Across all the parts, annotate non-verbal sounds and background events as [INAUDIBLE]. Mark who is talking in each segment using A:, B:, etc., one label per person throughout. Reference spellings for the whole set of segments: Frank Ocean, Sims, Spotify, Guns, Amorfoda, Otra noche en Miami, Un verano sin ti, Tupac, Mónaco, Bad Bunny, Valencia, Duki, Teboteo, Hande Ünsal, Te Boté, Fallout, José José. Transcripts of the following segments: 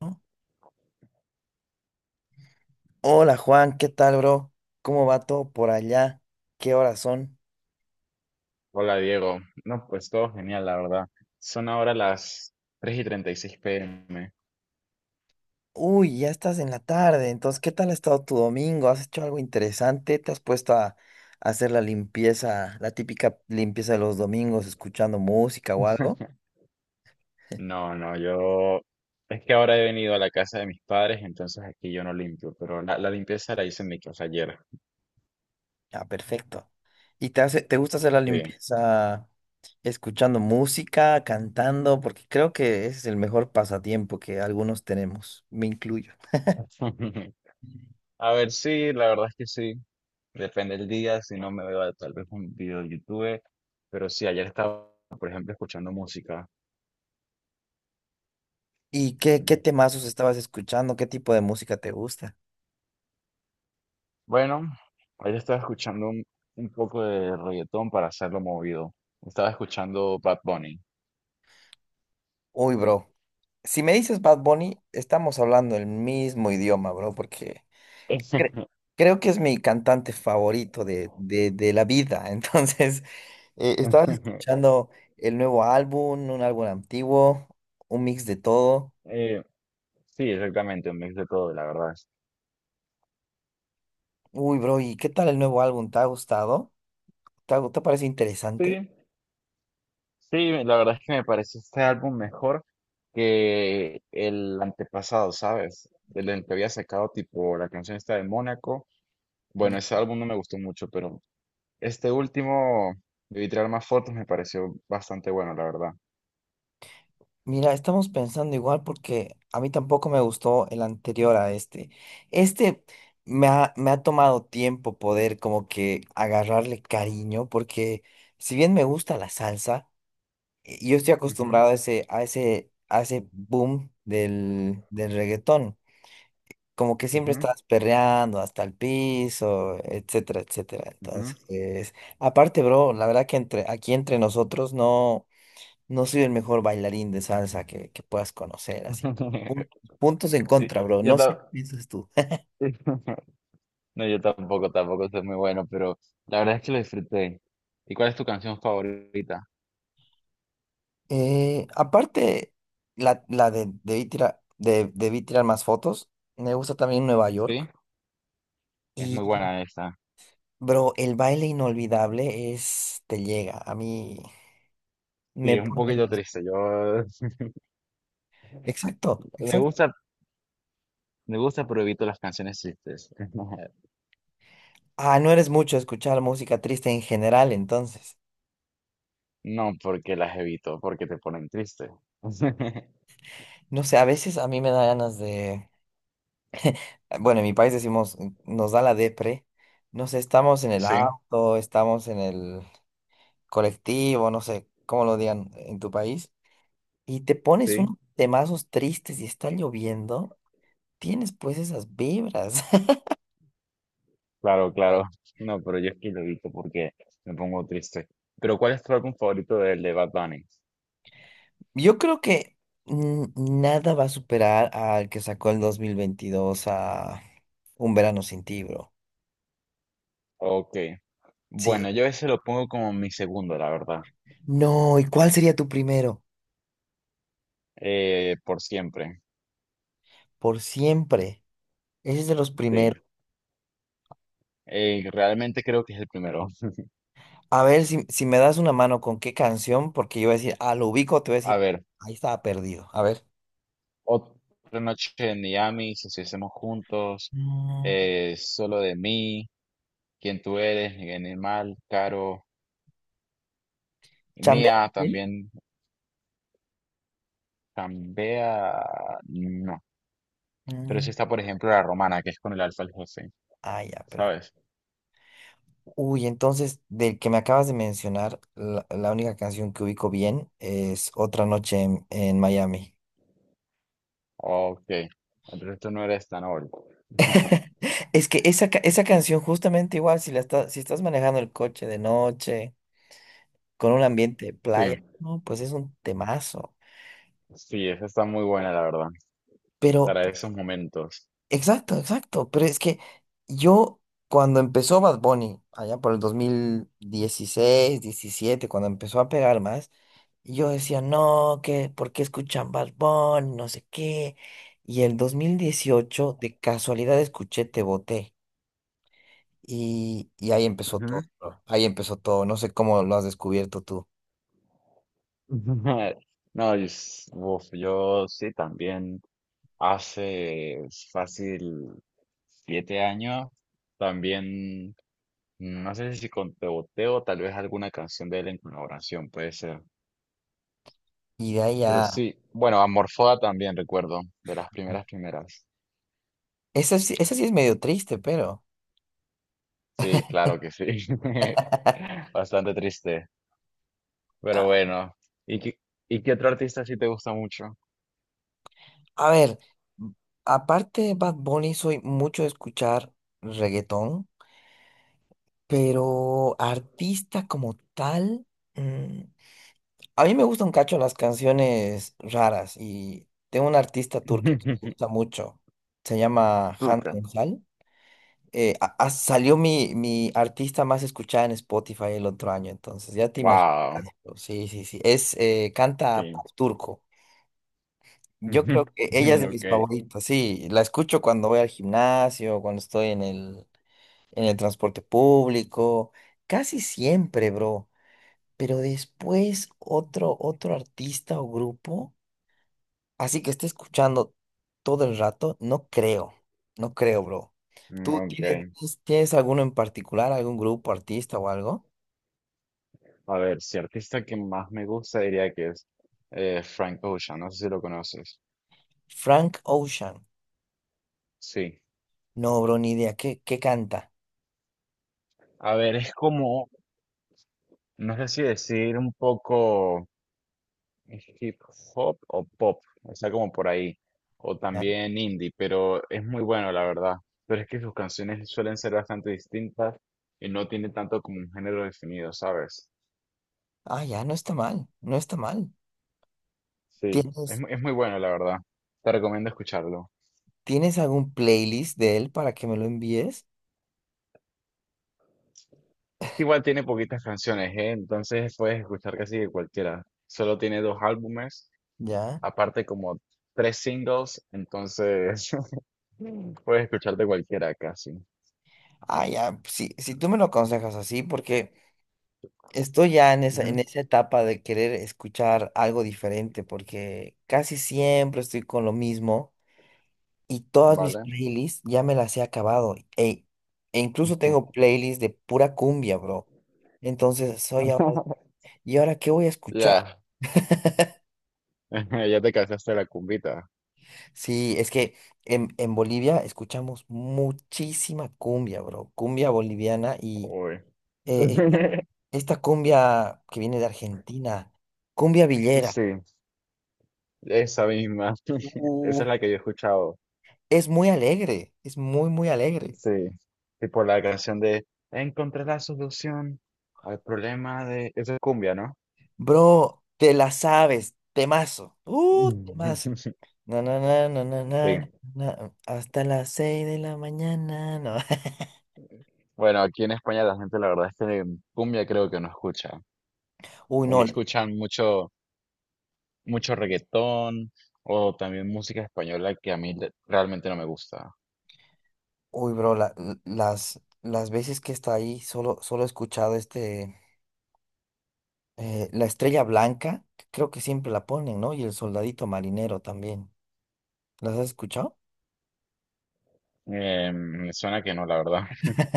A: ¿No? Hola Juan, ¿qué tal, bro? ¿Cómo va todo por allá? ¿Qué horas son?
B: Hola Diego, no, pues todo genial, la verdad. Son ahora las tres y 36 pm.
A: Uy, ya estás en la tarde, entonces, ¿qué tal ha estado tu domingo? ¿Has hecho algo interesante? ¿Te has puesto a hacer la limpieza, la típica limpieza de los domingos, escuchando música o algo?
B: [LAUGHS] No, no, yo... Es que ahora he venido a la casa de mis padres, entonces aquí yo no limpio, pero la limpieza la hice en mi casa ayer.
A: Ah, perfecto. ¿Y te gusta hacer la
B: Sí.
A: limpieza escuchando música, cantando? Porque creo que ese es el mejor pasatiempo que algunos tenemos, me incluyo.
B: [LAUGHS] A ver, sí, la verdad es que sí. Depende del día, si no me veo tal vez un video de YouTube, pero sí, ayer estaba, por ejemplo, escuchando música.
A: ¿Y qué temazos estabas escuchando? ¿Qué tipo de música te gusta?
B: Bueno, ayer estaba escuchando un poco de reggaetón para hacerlo movido. Estaba escuchando Bad Bunny.
A: Uy, bro. Si me dices Bad Bunny, estamos hablando el mismo idioma, bro, porque cre-
B: [LAUGHS]
A: creo que es mi cantante favorito de la vida. [LAUGHS] Entonces, estabas escuchando el nuevo álbum, un álbum antiguo, un mix de todo.
B: Eh, sí, exactamente, un mix de todo, la verdad.
A: Uy, bro, ¿y qué tal el nuevo álbum? ¿Te ha gustado? ¿ Te parece interesante?
B: Sí, sí, la verdad es que me parece este álbum mejor que el antepasado, ¿sabes? El del que había sacado tipo la canción esta de Mónaco. Bueno, ese álbum no me gustó mucho, pero este último, de tirar más fotos, me pareció bastante bueno, la verdad.
A: Mira, estamos pensando igual porque a mí tampoco me gustó el anterior a este. Este me ha tomado tiempo poder como que agarrarle cariño porque si bien me gusta la salsa, yo estoy
B: Ujú,
A: acostumbrado a ese boom del reggaetón. Como que siempre
B: ujú,
A: estás perreando hasta el piso, etcétera, etcétera.
B: ujú.
A: Entonces, aparte, bro, la verdad que aquí entre nosotros no. No soy el mejor bailarín de salsa que puedas conocer, así. Pun-
B: [LAUGHS]
A: Puntos en
B: Sí,
A: contra, bro.
B: Yo
A: No sé qué
B: ta-
A: piensas tú. [LAUGHS]
B: [LAUGHS] no, yo tampoco, tampoco soy muy bueno, pero la verdad es que lo disfruté. ¿Y cuál es tu canción favorita?
A: Aparte, la de debí tirar, debí tirar más fotos. Me gusta también Nueva
B: Sí,
A: York.
B: es muy
A: Y,
B: buena esa.
A: bro, el baile inolvidable es, te llega. A mí
B: Sí,
A: me
B: es un
A: pone...
B: poquito triste. Yo [LAUGHS]
A: Exacto,
B: me
A: exacto.
B: gusta, me gusta, pero evito las canciones tristes. [LAUGHS]
A: Ah, no eres mucho de escuchar música triste en general, entonces.
B: No porque las evito, porque te ponen triste. [LAUGHS]
A: No sé, a veces a mí me da ganas de... Bueno, en mi país decimos, nos da la depre. No sé, estamos en el
B: Sí,
A: auto, estamos en el colectivo, no sé cómo lo digan en tu país. Y te pones
B: sí,
A: unos temazos tristes y está lloviendo, tienes pues esas vibras. [LAUGHS]
B: claro, claro. No, pero yo es que lo evito porque me pongo triste. Pero ¿cuál es tu álbum favorito del de Bad Bunny?
A: Yo creo que mm, nada va a superar al que sacó el 2022, a Un verano sin ti, bro.
B: Ok. Bueno,
A: Sí.
B: yo ese lo pongo como mi segundo, la verdad.
A: No, ¿y cuál sería tu primero?
B: Por siempre,
A: Por siempre. Ese es de los
B: sí.
A: primeros.
B: Realmente creo que es el primero.
A: A ver si, si me das una mano con qué canción, porque yo voy a decir, ah, lo ubico, te voy a
B: A
A: decir,
B: ver,
A: ahí estaba perdido. A ver,
B: otra noche en Miami, si estuviésemos juntos,
A: Mm,
B: solo de mí, quién tú eres, animal, Caro,
A: ¿chambea?
B: mía
A: ¿Bien?
B: también cambia, no. Pero si
A: Mm,
B: está, por ejemplo, la romana, que es con el alfa el jefe,
A: Ah, ya, pero.
B: ¿sabes?
A: Uy, entonces, del que me acabas de mencionar, la única canción que ubico bien es Otra noche en Miami.
B: Ok, entonces tú no eres tan old.
A: [LAUGHS]
B: [LAUGHS]
A: Es que esa, esa canción, justamente igual, si estás manejando el coche de noche, con un ambiente de
B: Sí,
A: playa, no, pues es un temazo.
B: sí, esa está muy buena, la verdad,
A: Pero
B: para esos momentos.
A: exacto, exacto. Pero es que yo, cuando empezó Bad Bunny, allá por el 2016, 17, cuando empezó a pegar más, yo decía, no, que, ¿por qué escuchan Bad Bunny? No sé qué. Y el 2018 de casualidad, escuché Te Boté. Y ahí empezó todo, bro. Ahí empezó todo. No sé cómo lo has descubierto tú.
B: [LAUGHS] No, yo, uf, yo sí también hace fácil 7 años también, no sé si con Teboteo, tal vez alguna canción de él en colaboración, puede ser.
A: Y de ahí
B: Pero
A: ya.
B: sí, bueno, Amorfoda también recuerdo, de las primeras primeras.
A: Ese sí es medio triste, pero...
B: Sí, claro que sí. [LAUGHS]
A: [LAUGHS]
B: Bastante triste, pero bueno. ¿Y qué, y qué otro artista sí te gusta mucho?
A: A ver, aparte de Bad Bunny, soy mucho de escuchar reggaetón, pero artista como tal, mm, a mí me gustan un cacho las canciones raras y tengo una artista turca que me
B: [LAUGHS]
A: gusta mucho, se llama Hande
B: Turca.
A: Ünsal. Salió mi artista más escuchada en Spotify el otro año, entonces ya te imaginas.
B: Wow,
A: Sí, sí, sí. Es, canta
B: sí.
A: pop turco. Yo creo
B: [LAUGHS]
A: que ella es de mis
B: Ok.
A: favoritas, sí. La escucho cuando voy al gimnasio, cuando estoy en el transporte público, casi siempre, bro. Pero después otro artista o grupo, así que esté escuchando todo el rato, no creo, no creo, bro.
B: Mm,
A: ¿Tú
B: ok.
A: tienes alguno en particular, algún grupo, artista o algo?
B: A ver, si artista que más me gusta diría que es Frank Ocean, no sé si lo conoces.
A: Frank Ocean.
B: Sí.
A: No, bro, ni idea. ¿Qué, qué canta?
B: A ver, es como, no sé si decir un poco hip hop o pop, está como por ahí, o
A: ¿Ah?
B: también indie, pero es muy bueno, la verdad. Pero es que sus canciones suelen ser bastante distintas y no tiene tanto como un género definido, ¿sabes?
A: Ah, ya, no está mal, no está mal.
B: Sí, es,
A: ¿Tienes?
B: es muy bueno, la verdad. Te recomiendo escucharlo.
A: ¿Tienes algún playlist de él para que me lo envíes?
B: Es que igual tiene poquitas canciones, ¿eh? Entonces puedes escuchar casi de cualquiera. Solo tiene dos álbumes,
A: ¿Ya?
B: aparte como tres singles, entonces [LAUGHS] puedes escuchar de cualquiera casi.
A: Ah, ya, si, si tú me lo aconsejas así, porque estoy ya en
B: Ujú,
A: esa etapa de querer escuchar algo diferente, porque casi siempre estoy con lo mismo y todas mis
B: ¿vale?
A: playlists ya me las he acabado. E incluso tengo playlists de pura cumbia, bro. Entonces soy ahora,
B: [LAUGHS]
A: ¿y ahora qué voy a escuchar?
B: Ya, [LAUGHS] ya te cansaste de la cumbita.
A: Sí, es que en Bolivia escuchamos muchísima cumbia, bro, cumbia boliviana y
B: Uy.
A: eh,
B: [LAUGHS]
A: esta, esta cumbia que viene de Argentina, cumbia villera,
B: Sí, esa misma. [LAUGHS] Esa
A: uh,
B: es la que yo he escuchado.
A: es muy alegre, es muy, muy alegre.
B: Sí. Tipo la canción de Encontré la solución al problema de... Esa es cumbia, ¿no?
A: Bro, te la sabes, temazo, temazo.
B: [LAUGHS]
A: Na, na, na, na, na,
B: Sí,
A: na, na, hasta las 6 de la mañana, no.
B: bueno, aquí en España la gente la verdad es que cumbia creo que no escucha.
A: [LAUGHS] Uy,
B: O
A: no,
B: escuchan mucho, mucho reggaetón o también música española que a mí realmente no me gusta.
A: uy, bro, las veces que está ahí, solo, solo he escuchado este, la estrella blanca, que creo que siempre la ponen, ¿no? Y el soldadito marinero también. ¿Las has escuchado?
B: Me suena que no, la verdad. [LAUGHS]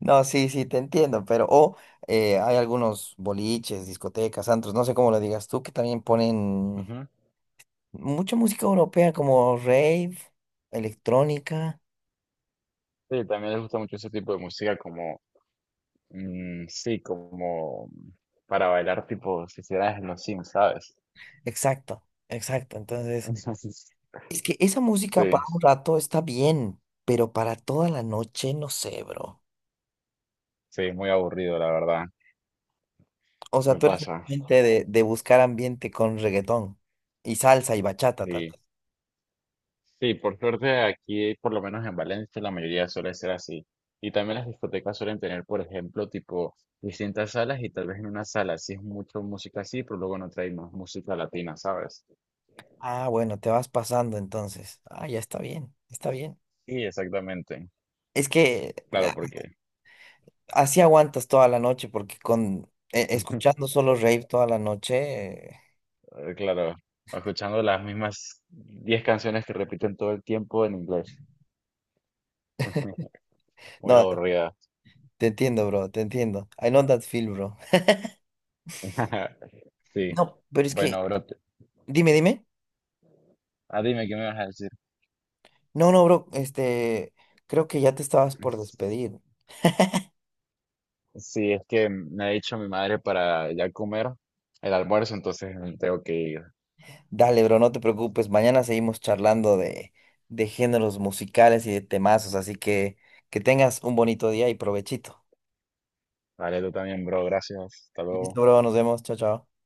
A: No, sí, sí, te entiendo, pero o hay algunos boliches, discotecas, antros, no sé cómo lo digas tú, que también ponen
B: Ujú.
A: mucha música europea como rave, electrónica.
B: Sí, también les gusta mucho ese tipo de música como, mm, sí, como para bailar tipo si hicieras en los Sims, ¿sabes?
A: Exacto, exacto. Entonces,
B: [LAUGHS]
A: es que esa música
B: Sí,
A: para un rato está bien, pero para toda la noche no sé, bro.
B: sí, muy aburrido, la verdad.
A: O sea,
B: Me
A: tú eres
B: pasa.
A: realmente de buscar ambiente con reggaetón y salsa y bachata, tal
B: Sí.
A: vez.
B: Sí, por suerte aquí, por lo menos en Valencia, la mayoría suele ser así. Y también las discotecas suelen tener, por ejemplo, tipo distintas salas y tal vez en una sala sí es mucho música así, pero luego no trae más música latina, ¿sabes?
A: Ah, bueno, te vas pasando entonces. Ah, ya está bien, está bien.
B: Sí, exactamente.
A: Es que
B: Claro, porque,
A: así aguantas toda la noche porque con escuchando
B: [LAUGHS]
A: solo rave toda la noche.
B: claro, escuchando las mismas 10 canciones que repiten todo el tiempo en inglés. [LAUGHS] Muy
A: No,
B: aburrida.
A: te entiendo, bro, te entiendo. I know that feel, bro.
B: [LAUGHS] Sí.
A: No, pero es que,
B: Bueno, bro,
A: dime, dime.
B: ah, dime qué me vas a
A: No, no, bro, este, creo que ya te estabas por
B: decir.
A: despedir.
B: Sí, es que me ha dicho mi madre para ya comer el almuerzo, entonces tengo que ir.
A: Dale, bro, no te preocupes. Mañana seguimos charlando de géneros musicales y de temazos, así que tengas un bonito día y provechito.
B: Vale, tú también, bro. Gracias. Hasta luego.
A: Listo, bro, nos vemos. Chao, chao.